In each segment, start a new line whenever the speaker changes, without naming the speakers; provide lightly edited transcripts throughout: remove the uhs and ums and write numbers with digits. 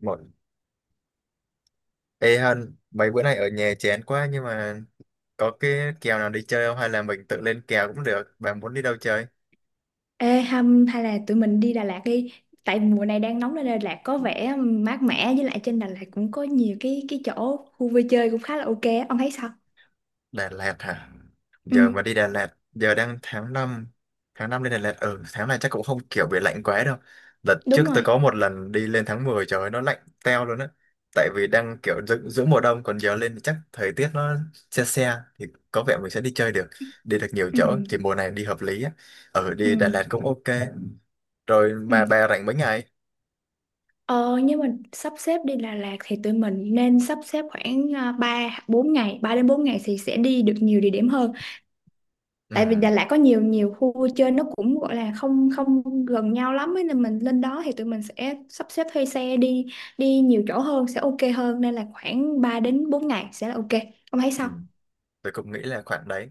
Một. Ê Hân, mấy bữa nay ở nhà chán quá nhưng mà có cái kèo nào đi chơi không hay là mình tự lên kèo cũng được. Bạn muốn đi đâu chơi?
Ê hâm hay là tụi mình đi Đà Lạt đi. Tại mùa này đang nóng nên Đà Lạt có vẻ mát mẻ. Với lại trên Đà Lạt cũng có nhiều cái chỗ khu vui chơi cũng khá là ok á. Ông thấy sao?
Đà Lạt hả? Giờ
Ừ,
mà đi Đà Lạt, giờ đang tháng 5, tháng 5 lên Đà Lạt, ừ, tháng này chắc cũng không kiểu bị lạnh quá đâu. Đợt trước
đúng
tôi
rồi.
có một lần đi lên tháng 10 trời ơi, nó lạnh teo luôn á. Tại vì đang kiểu giữa mùa đông còn giờ lên thì chắc thời tiết nó se se thì có vẻ mình sẽ đi chơi được, đi được nhiều
Ừ,
chỗ thì mùa này đi hợp lý á. Ừ,
ừ,
đi Đà Lạt cũng ok. Rồi
ừ.
mà bà rảnh mấy ngày?
Ờ nhưng mà sắp xếp đi Đà Lạt thì tụi mình nên sắp xếp khoảng 3 4 ngày, 3 đến 4 ngày thì sẽ đi được nhiều địa điểm hơn,
Ừ,
tại vì Đà Lạt có nhiều nhiều khu vui chơi nó cũng gọi là không không gần nhau lắm ấy, nên mình lên đó thì tụi mình sẽ sắp xếp thuê xe đi, đi nhiều chỗ hơn sẽ ok hơn, nên là khoảng 3 đến 4 ngày sẽ là ok. Ông thấy
ừ.
sao?
Tôi cũng nghĩ là khoảng đấy.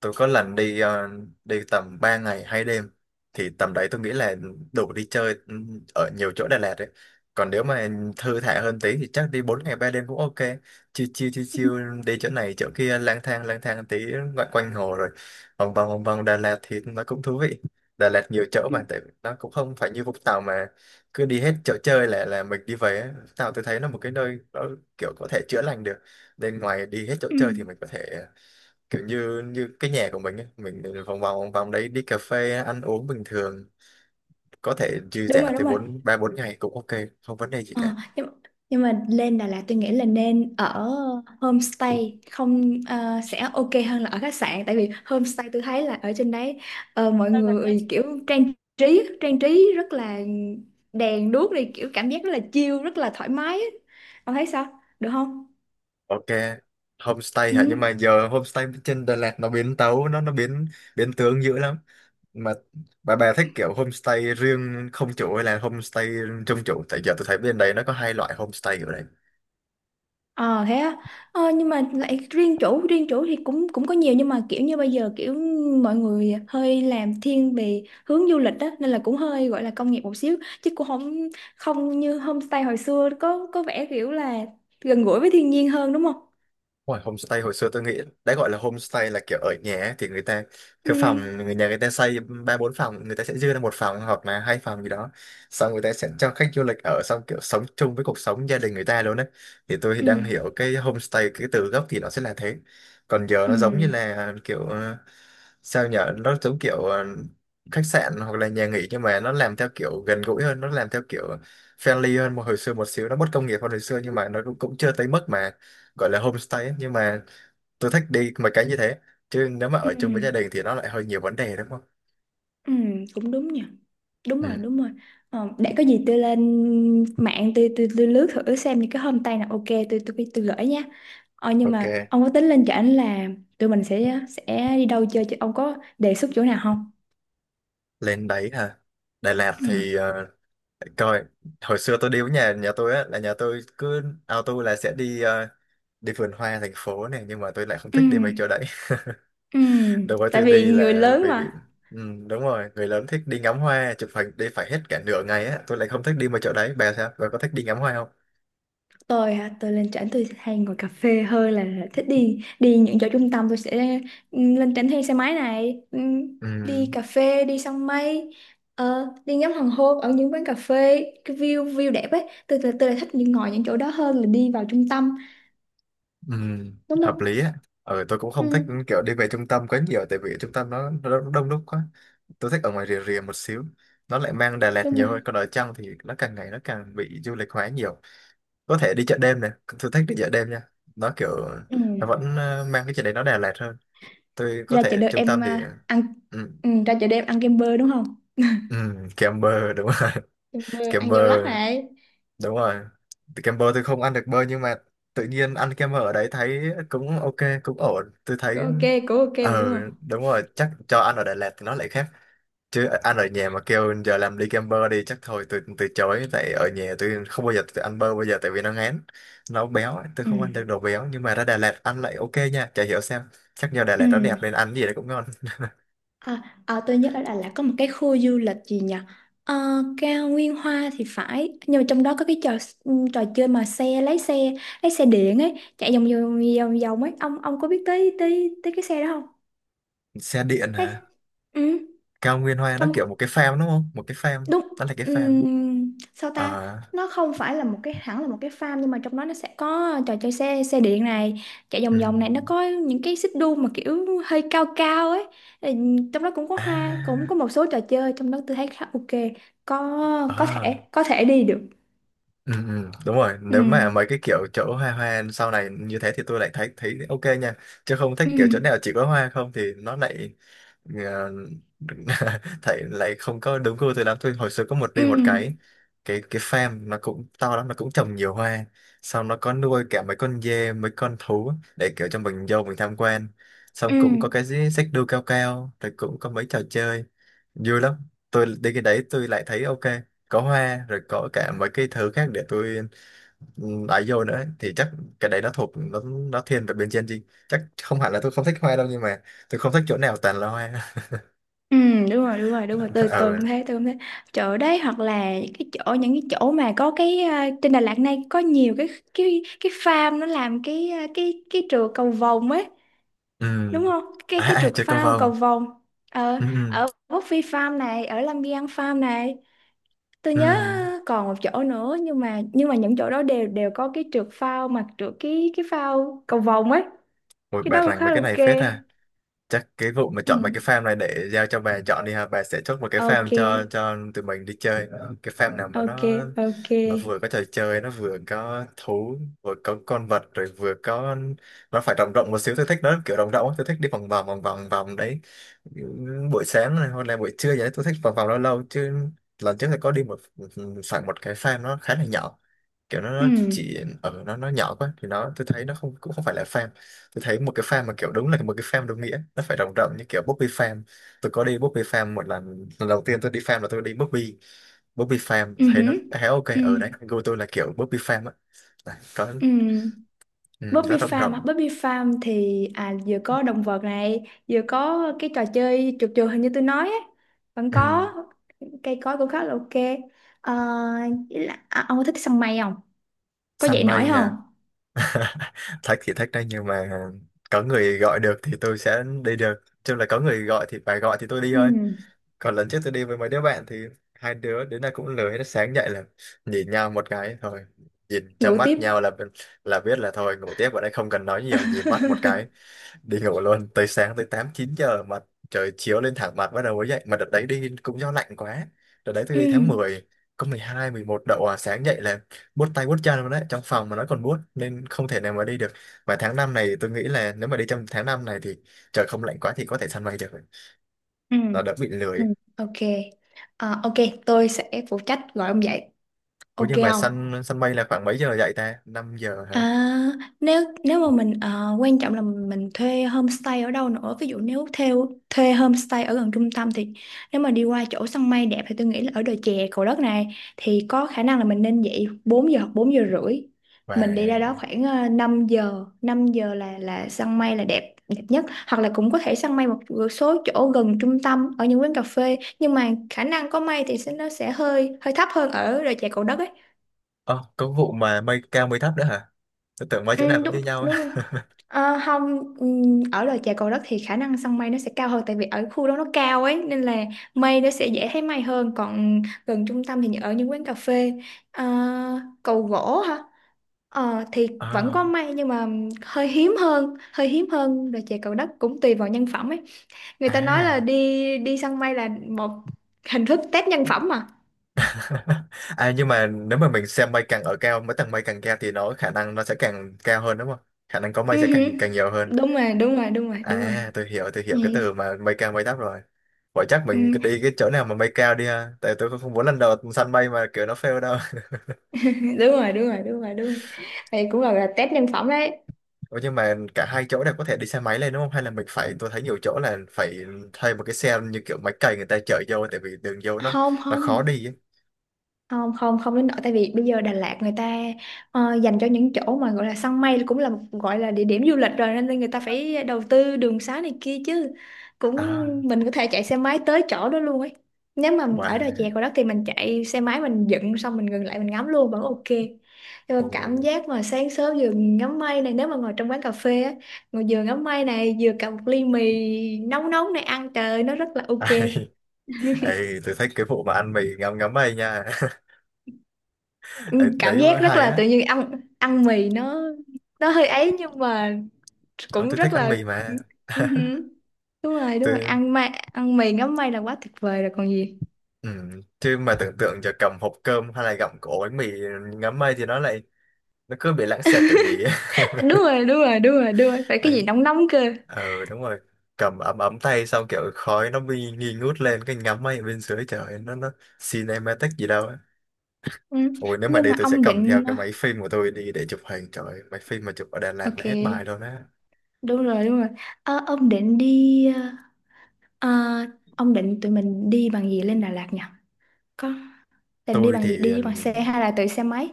Tôi có lần đi đi tầm 3 ngày 2 đêm thì tầm đấy tôi nghĩ là đủ đi chơi, ừ, ở nhiều chỗ Đà Lạt đấy. Còn nếu mà thư thả hơn tí thì chắc đi 4 ngày 3 đêm cũng ok, chill chill chill
Ừ,
chill, đi chỗ này chỗ kia, lang thang tí, ngoại quanh hồ rồi vòng vòng vòng vòng Đà Lạt thì nó cũng thú vị. Đà Lạt nhiều chỗ
ừ,
mà tại nó cũng không phải như Vũng Tàu mà cứ đi hết chỗ chơi là mình đi về á. Vũng Tàu tôi thấy nó một cái nơi nó kiểu có thể chữa lành được nên ngoài đi hết chỗ
ừ.
chơi thì mình có thể kiểu như như cái nhà của mình ấy, mình vòng vòng vòng vòng đấy đi cà phê ăn uống bình thường, có thể dư
Đúng
giả
rồi, đúng
tới
rồi.
bốn ba bốn ngày cũng ok, không vấn đề gì cả.
Ờ, nhưng mà lên Đà Lạt tôi nghĩ là nên ở homestay không sẽ ok hơn là ở khách sạn, tại vì homestay tôi thấy là ở trên đấy mọi người kiểu trang trí rất là đèn đuốc này, kiểu cảm giác rất là chill rất là thoải mái á. Ông thấy sao, được không?
Ok, homestay
Ừ.
hả, nhưng mà giờ homestay trên Đà Lạt nó biến tấu, nó biến biến tướng dữ lắm. Mà bà thích kiểu homestay riêng không chủ hay là homestay trong chủ, tại giờ tôi thấy bên đây nó có hai loại homestay ở đây.
Ờ thế á. Nhưng mà lại riêng chủ, riêng chủ thì cũng cũng có nhiều, nhưng mà kiểu như bây giờ kiểu mọi người hơi làm thiên về hướng du lịch đó nên là cũng hơi gọi là công nghiệp một xíu, chứ cũng không, không như homestay hồi xưa có vẻ kiểu là gần gũi với thiên nhiên hơn, đúng không?
Ngoài homestay hồi xưa tôi nghĩ đã gọi là homestay là kiểu ở nhà ấy, thì người ta
Ừ,
cái phòng người nhà, người ta xây ba bốn phòng, người ta sẽ dư ra một phòng hoặc là hai phòng gì đó, xong người ta sẽ cho khách du lịch ở, xong kiểu sống chung với cuộc sống gia đình người ta luôn đấy. Thì tôi
ừ,
đang hiểu cái homestay cái từ gốc thì nó sẽ là thế. Còn giờ
ừ,
nó giống như là kiểu sao nhở, nó giống kiểu khách sạn hoặc là nhà nghỉ nhưng mà nó làm theo kiểu gần gũi hơn, nó làm theo kiểu friendly hơn một hồi xưa một xíu, nó bất công nghiệp hơn hồi xưa nhưng mà nó cũng, cũng chưa tới mức mà gọi là homestay ấy, nhưng mà tôi thích đi mấy cái như thế, chứ nếu mà
ừ.
ở chung với gia đình thì nó lại hơi nhiều vấn đề đúng không.
Ừ, cũng đúng nhỉ. Đúng rồi,
Ừ.
đúng rồi. Ờ, để có gì tôi lên mạng tôi lướt thử xem những cái homestay nào ok tôi gửi nha. Ờ, nhưng
Ok,
mà ông có tính lên cho trển là tụi mình sẽ đi đâu chơi chứ, ông có đề xuất chỗ nào không?
lên đấy hả, Đà Lạt
Ừ.
thì để coi, hồi xưa tôi đi với nhà nhà tôi á, là nhà tôi cứ auto là sẽ đi đi vườn hoa thành phố này nhưng mà tôi lại không
Ừ.
thích đi mấy chỗ đấy.
Ừ.
Đối với
Tại
tôi
vì
đi
người
là
lớn
vì bị,
mà.
ừ, đúng rồi, người lớn thích đi ngắm hoa chụp hình đi phải hết cả nửa ngày á, tôi lại không thích đi mấy chỗ đấy. Bà sao, bà có thích đi ngắm hoa không?
Tôi hả, tôi lên trển tôi hay ngồi cà phê hơn là thích đi, đi những chỗ trung tâm. Tôi sẽ lên trển thuê xe máy này,
Ừ.
đi cà phê, đi săn mây, đi ngắm hoàng hôn ở những quán cà phê cái view view đẹp ấy. Tôi lại thích những ngồi những chỗ đó hơn là đi vào trung tâm,
Ừ,
đúng
hợp
không?
lý á. Ừ, tôi cũng
Ừ,
không thích kiểu đi về trung tâm quá nhiều tại vì ở trung tâm nó đông đúc quá. Tôi thích ở ngoài rìa rìa một xíu. Nó lại mang Đà Lạt
đúng
nhiều
rồi.
hơn. Còn ở trong thì nó càng ngày nó càng bị du lịch hóa nhiều. Có thể đi chợ đêm này. Tôi thích đi chợ đêm nha. Nó kiểu
Ừ.
nó vẫn mang cái chợ đấy nó Đà Lạt hơn. Tôi có
Ra chợ
thể
đêm
trung tâm
em
thì,
à, ăn
ừ,
ra chợ đêm ăn kem bơ đúng không,
ừ, kem bơ đúng rồi.
kem bơ
Kem
ăn
bơ
dâu lắc này,
đúng rồi. Thì kem bơ tôi không ăn được bơ nhưng mà tự nhiên ăn kem bơ ở đấy thấy cũng ok, cũng ổn tôi thấy.
cũng ok. Cũng ok mà,
Ờ
đúng không?
đúng rồi, chắc cho ăn ở Đà Lạt thì nó lại khác, chứ ăn ở nhà mà kêu giờ làm đi kem bơ đi chắc thôi tôi từ chối, tại ở nhà tôi không bao giờ tôi ăn bơ bây giờ tại vì nó ngán, nó béo ấy, tôi
Ừ.
không ăn được đồ béo nhưng mà ra Đà Lạt ăn lại ok nha, chả hiểu sao, chắc nhờ Đà
Ừ.
Lạt nó đẹp nên ăn gì đấy cũng ngon.
À, à, tôi nhớ ở Đà Lạt có một cái khu du lịch gì nhỉ? Ờ, cao Nguyên Hoa thì phải, nhưng mà trong đó có cái trò, trò chơi mà xe lái xe lái xe điện ấy chạy vòng vòng ấy, ông có biết tới tới tới cái xe đó không?
Xe điện
Ê,
hả?
ừ,
Cao Nguyên Hoa nó
trong,
kiểu một cái farm đúng không, một cái farm,
đúng.
nó là cái farm.
Ừm, sao ta,
Ờ,
nó không phải là một cái, hẳn là một cái farm, nhưng mà trong đó nó sẽ có trò chơi xe xe điện này, chạy vòng vòng này, nó
ừm.
có những cái xích đu mà kiểu hơi cao cao ấy. Trong đó cũng có hoa, cũng có
À,
một số trò chơi, trong đó tôi thấy khá ok. Có, có thể
à,
có thể đi được.
ừ, ừ, đúng rồi.
Ừ,
Nếu mà mấy cái kiểu chỗ hoa hoa sau này như thế thì tôi lại thấy thấy ok nha. Chứ không thích
ừ,
kiểu chỗ nào chỉ có hoa không thì nó lại ờ, thấy lại không có đúng gu tôi lắm. Tôi hồi xưa có một
ừ,
đi một cái farm nó cũng to lắm, nó cũng trồng nhiều hoa. Xong nó có nuôi cả mấy con dê, mấy con thú để kiểu cho mình vô mình tham quan. Xong
ừ.
cũng có cái xích đu cao cao, rồi cũng có mấy trò chơi vui lắm, tôi đi cái đấy tôi lại thấy ok, có hoa rồi có cả mấy cái thứ khác để tôi, ấy vô nữa thì chắc cái đấy nó thuộc nó thiên về bên Gen Z, chắc không hẳn là tôi không thích hoa đâu nhưng mà tôi không thích chỗ nào toàn là hoa.
Ừ, đúng rồi, đúng rồi, đúng rồi, tôi
Ừ,
cũng thế, tôi cũng thế. Chỗ đấy hoặc là cái chỗ, những cái chỗ mà có cái trên Đà Lạt này có nhiều cái farm nó làm cái cái trượt cầu vồng ấy,
ừ,
đúng không, cái
à,
cái
à
trượt
chơi cầu
phao cầu
vồng,
vồng. Ờ,
ừ ừ
ở Quốc Phi Farm này, ở Lâm Biên Farm này, tôi nhớ
ừ.
còn một chỗ nữa, nhưng mà những chỗ đó đều đều có cái trượt phao mà trượt cái phao cầu vồng ấy,
Ôi,
cái
bà
đó cũng
rằng về
khá
cái
là
này
ok.
phết ha, chắc cái vụ mà
Ừ.
chọn mấy cái farm này để giao cho bà chọn đi ha, bà sẽ chốt một cái
Ok,
farm cho tụi mình đi chơi, cái farm nào mà
ok, ok.
nó vừa có trò chơi, nó vừa có thú, vừa có con vật, rồi vừa có, nó phải rộng rộng một xíu, tôi thích nó kiểu rộng rộng á. Tôi thích đi vòng vòng vòng vòng vòng đấy buổi sáng này hoặc là buổi trưa gì đấy, tôi thích vòng vòng lâu lâu. Chứ lần trước thì có đi một, phải một cái farm nó khá là nhỏ, kiểu
Ừ.
nó chỉ ở, nó nhỏ quá thì nó tôi thấy nó không, cũng không phải là farm. Tôi thấy một cái farm mà kiểu đúng là một cái farm đúng nghĩa nó phải rộng rộng như kiểu Bobby Farm. Tôi có đi Bobby Farm một lần, lần đầu tiên tôi đi farm là tôi đi Bobby. Bobby Farm
Ừ,
thấy nó
hử.
khá ok,
Ừ.
ở đấy gu tôi là kiểu Bobby Farm á. Đấy, có,
Ừ.
ừ, nó
Bobby
rộng
Farm á.
rộng.
Bobby Farm thì à, vừa có động vật này, vừa có cái trò chơi trượt trượt hình như tôi nói á, vẫn
Ừ,
có cây cối cũng khá là ok. Ờ, với là, à, ông có thích săn mây không? Có dậy
săn
nổi
mây
không?
à, thách thì thách đấy nhưng mà có người gọi được thì tôi sẽ đi được, chứ là có người gọi thì phải gọi thì tôi đi
Ừ.
thôi. Còn lần trước tôi đi với mấy đứa bạn thì hai đứa đến nay cũng lười hết, sáng dậy là nhìn nhau một cái thôi, nhìn trong
Ngủ tiếp.
mắt nhau là biết là thôi ngủ tiếp, ở đây không cần nói nhiều, nhìn mắt một cái đi ngủ luôn tới sáng, tới 8 9 giờ mà trời chiếu lên thẳng mặt bắt đầu mới dậy, mà đợt đấy đi cũng do lạnh quá. Đợt đấy tôi
Ừ.
đi tháng 10, có 12 11 độ à, sáng dậy là buốt tay buốt chân luôn đấy, trong phòng mà nó còn buốt nên không thể nào mà đi được. Và tháng 5 này tôi nghĩ là nếu mà đi trong tháng 5 này thì trời không lạnh quá thì có thể săn bay được,
Ừ.
nó đỡ bị
Ừ.
lười.
Ok. Ờ, ok, tôi sẽ phụ trách gọi ông dậy.
Ủa
Ok
nhưng mà
không?
săn săn mây là khoảng mấy giờ dậy ta? 5 giờ hả?
À, nếu, nếu mà mình ờ, quan trọng là mình thuê homestay ở đâu nữa. Ví dụ nếu theo thuê homestay ở gần trung tâm thì nếu mà đi qua chỗ săn mây đẹp thì tôi nghĩ là ở đồi chè Cầu Đất này thì có khả năng là mình nên dậy 4 giờ hoặc 4 giờ rưỡi,
Và,
mình đi ra đó khoảng ờ, 5 giờ, 5 giờ là săn mây là đẹp đẹp nhất, hoặc là cũng có thể săn mây một số chỗ gần trung tâm ở những quán cà phê, nhưng mà khả năng có mây thì sẽ nó sẽ hơi hơi thấp hơn ở đồi chè Cầu Đất ấy.
ơ, có vụ mà mây cao mây thấp nữa hả? Tôi tưởng mấy chỗ nào
Ừ,
cũng như
đúng
nhau.
đúng rồi. Ờ, không, ở đồi chè Cầu Đất thì khả năng săn mây nó sẽ cao hơn, tại vì ở khu đó nó cao ấy nên là mây nó sẽ dễ thấy mây hơn, còn gần trung tâm thì ở những quán cà phê. Ờ, cầu gỗ hả. Ờ, thì vẫn có
À.
mây nhưng mà hơi hiếm hơn, hơi hiếm hơn đồi chè Cầu Đất, cũng tùy vào nhân phẩm ấy, người ta nói là
À.
đi, đi săn mây là một hình thức test nhân phẩm mà.
À, nhưng mà nếu mà mình xem mây càng ở cao, mấy tầng mây càng cao thì nó khả năng nó sẽ càng cao hơn đúng không? Khả năng có mây
Ừ
sẽ
hử.
càng càng nhiều hơn.
Đúng rồi, đúng rồi, đúng rồi, đúng rồi.
À, tôi
Ừ.
hiểu cái từ mà mây cao mây thấp rồi. Vậy chắc mình
Ừ.
cứ đi cái chỗ nào mà mây cao đi ha. Tại tôi cũng không muốn lần đầu săn mây mà kiểu nó fail đâu.
Đúng rồi, đúng rồi, đúng rồi, đúng rồi, đây cũng là test nhân phẩm đấy.
Ủa nhưng mà cả hai chỗ đều có thể đi xe máy lên đúng không? Hay là mình phải, tôi thấy nhiều chỗ là phải thuê một cái xe như kiểu máy cày người ta chở vô tại vì đường vô
không
nó
không
khó đi ấy.
không không đến nỗi, tại vì bây giờ Đà Lạt người ta dành cho những chỗ mà gọi là săn mây cũng là một gọi là địa điểm du lịch rồi nên là người ta phải đầu tư đường xá này kia chứ, cũng
À,
mình có thể chạy xe máy tới chỗ đó luôn ấy. Nếu mà ở đò chè
wow.
của đó thì mình chạy xe máy mình dựng xong mình ngừng lại mình ngắm luôn vẫn ok. Nhưng mà cảm
Ồ.
giác mà sáng sớm vừa ngắm mây này, nếu mà ngồi trong quán cà phê á, ngồi vừa ngắm mây này vừa cầm một ly mì nóng nóng này ăn, trời ơi, nó rất là ok.
Ai, ai, tôi thích cái vụ mà ăn mì ngấm ngấm ấy nha.
Ừ,
Ấy, đấy
cảm
nó
giác rất
hay
là
á.
tự nhiên, ăn ăn mì nó hơi ấy nhưng mà
Đó,
cũng
tôi thích
rất
ăn
là.
mì mà.
Ừ hử. Đúng rồi, đúng rồi,
Tôi,
ăn mì ngắm mây là quá tuyệt vời rồi còn gì.
ừ. Chứ mà tưởng tượng giờ cầm hộp cơm hay là gặm cổ bánh mì ngấm mây thì nó lại nó cứ bị lãng xẹt kiểu gì.
Đúng rồi, đúng rồi, đúng rồi, đúng rồi, phải cái
Đấy,
gì nóng nóng cơ.
ừ đúng rồi, cầm ấm ấm tay xong kiểu khói nó bị nghi ngút lên cái ngắm máy ở bên dưới trời ơi, nó cinematic gì đâu á.
Ừ.
Ôi nếu mà
Nhưng
đi
mà
tôi sẽ
ông
cầm theo
định,
cái máy phim của tôi đi để chụp hình, trời ơi, máy phim mà chụp ở Đà Lạt
ok,
là hết bài luôn á.
đúng rồi, đúng rồi. Ờ, ông định đi ờ, ông định tụi mình đi bằng gì lên Đà Lạt nhỉ, có định đi
Tôi
bằng gì,
thì
đi bằng xe hay là tự xe máy?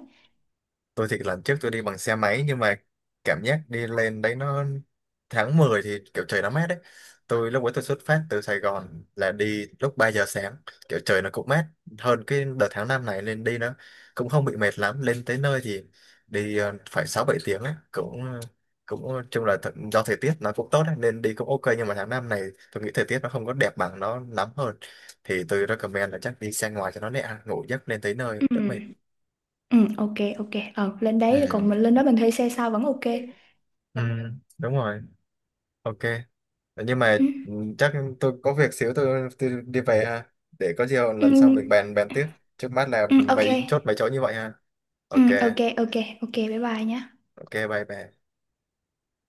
tôi thì lần trước tôi đi bằng xe máy nhưng mà cảm giác đi lên đấy nó, tháng 10 thì kiểu trời nó mát đấy, tôi lúc ấy tôi xuất phát từ Sài Gòn là đi lúc 3 giờ sáng, kiểu trời nó cũng mát hơn cái đợt tháng 5 này lên đi, nó cũng không bị mệt lắm, lên tới nơi thì đi phải 6 7 tiếng ấy, cũng cũng chung là th- do thời tiết nó cũng tốt ấy, nên đi cũng ok nhưng mà tháng 5 này tôi nghĩ thời tiết nó không có đẹp bằng, nó lắm hơn thì tôi recommend là chắc đi xe ngoài cho nó nhẹ ngủ giấc lên tới nơi đỡ mệt.
Ừ, ừ, ok, ok. Ờ lên đấy rồi, còn
Ừ.
mình lên đó mình thuê xe sao vẫn ok.
Ừ, đúng rồi, ok nhưng mà
Ừ,
ừ, chắc tôi có việc xíu tôi đi về ha, để có gì
ừ,
lần sau mình bàn bàn tiếp, trước mắt là
ừ, ok,
mấy chốt mấy chỗ như vậy ha.
ừ,
Ok
ok, ok, ok, bye bye nhé.
ok bye bye.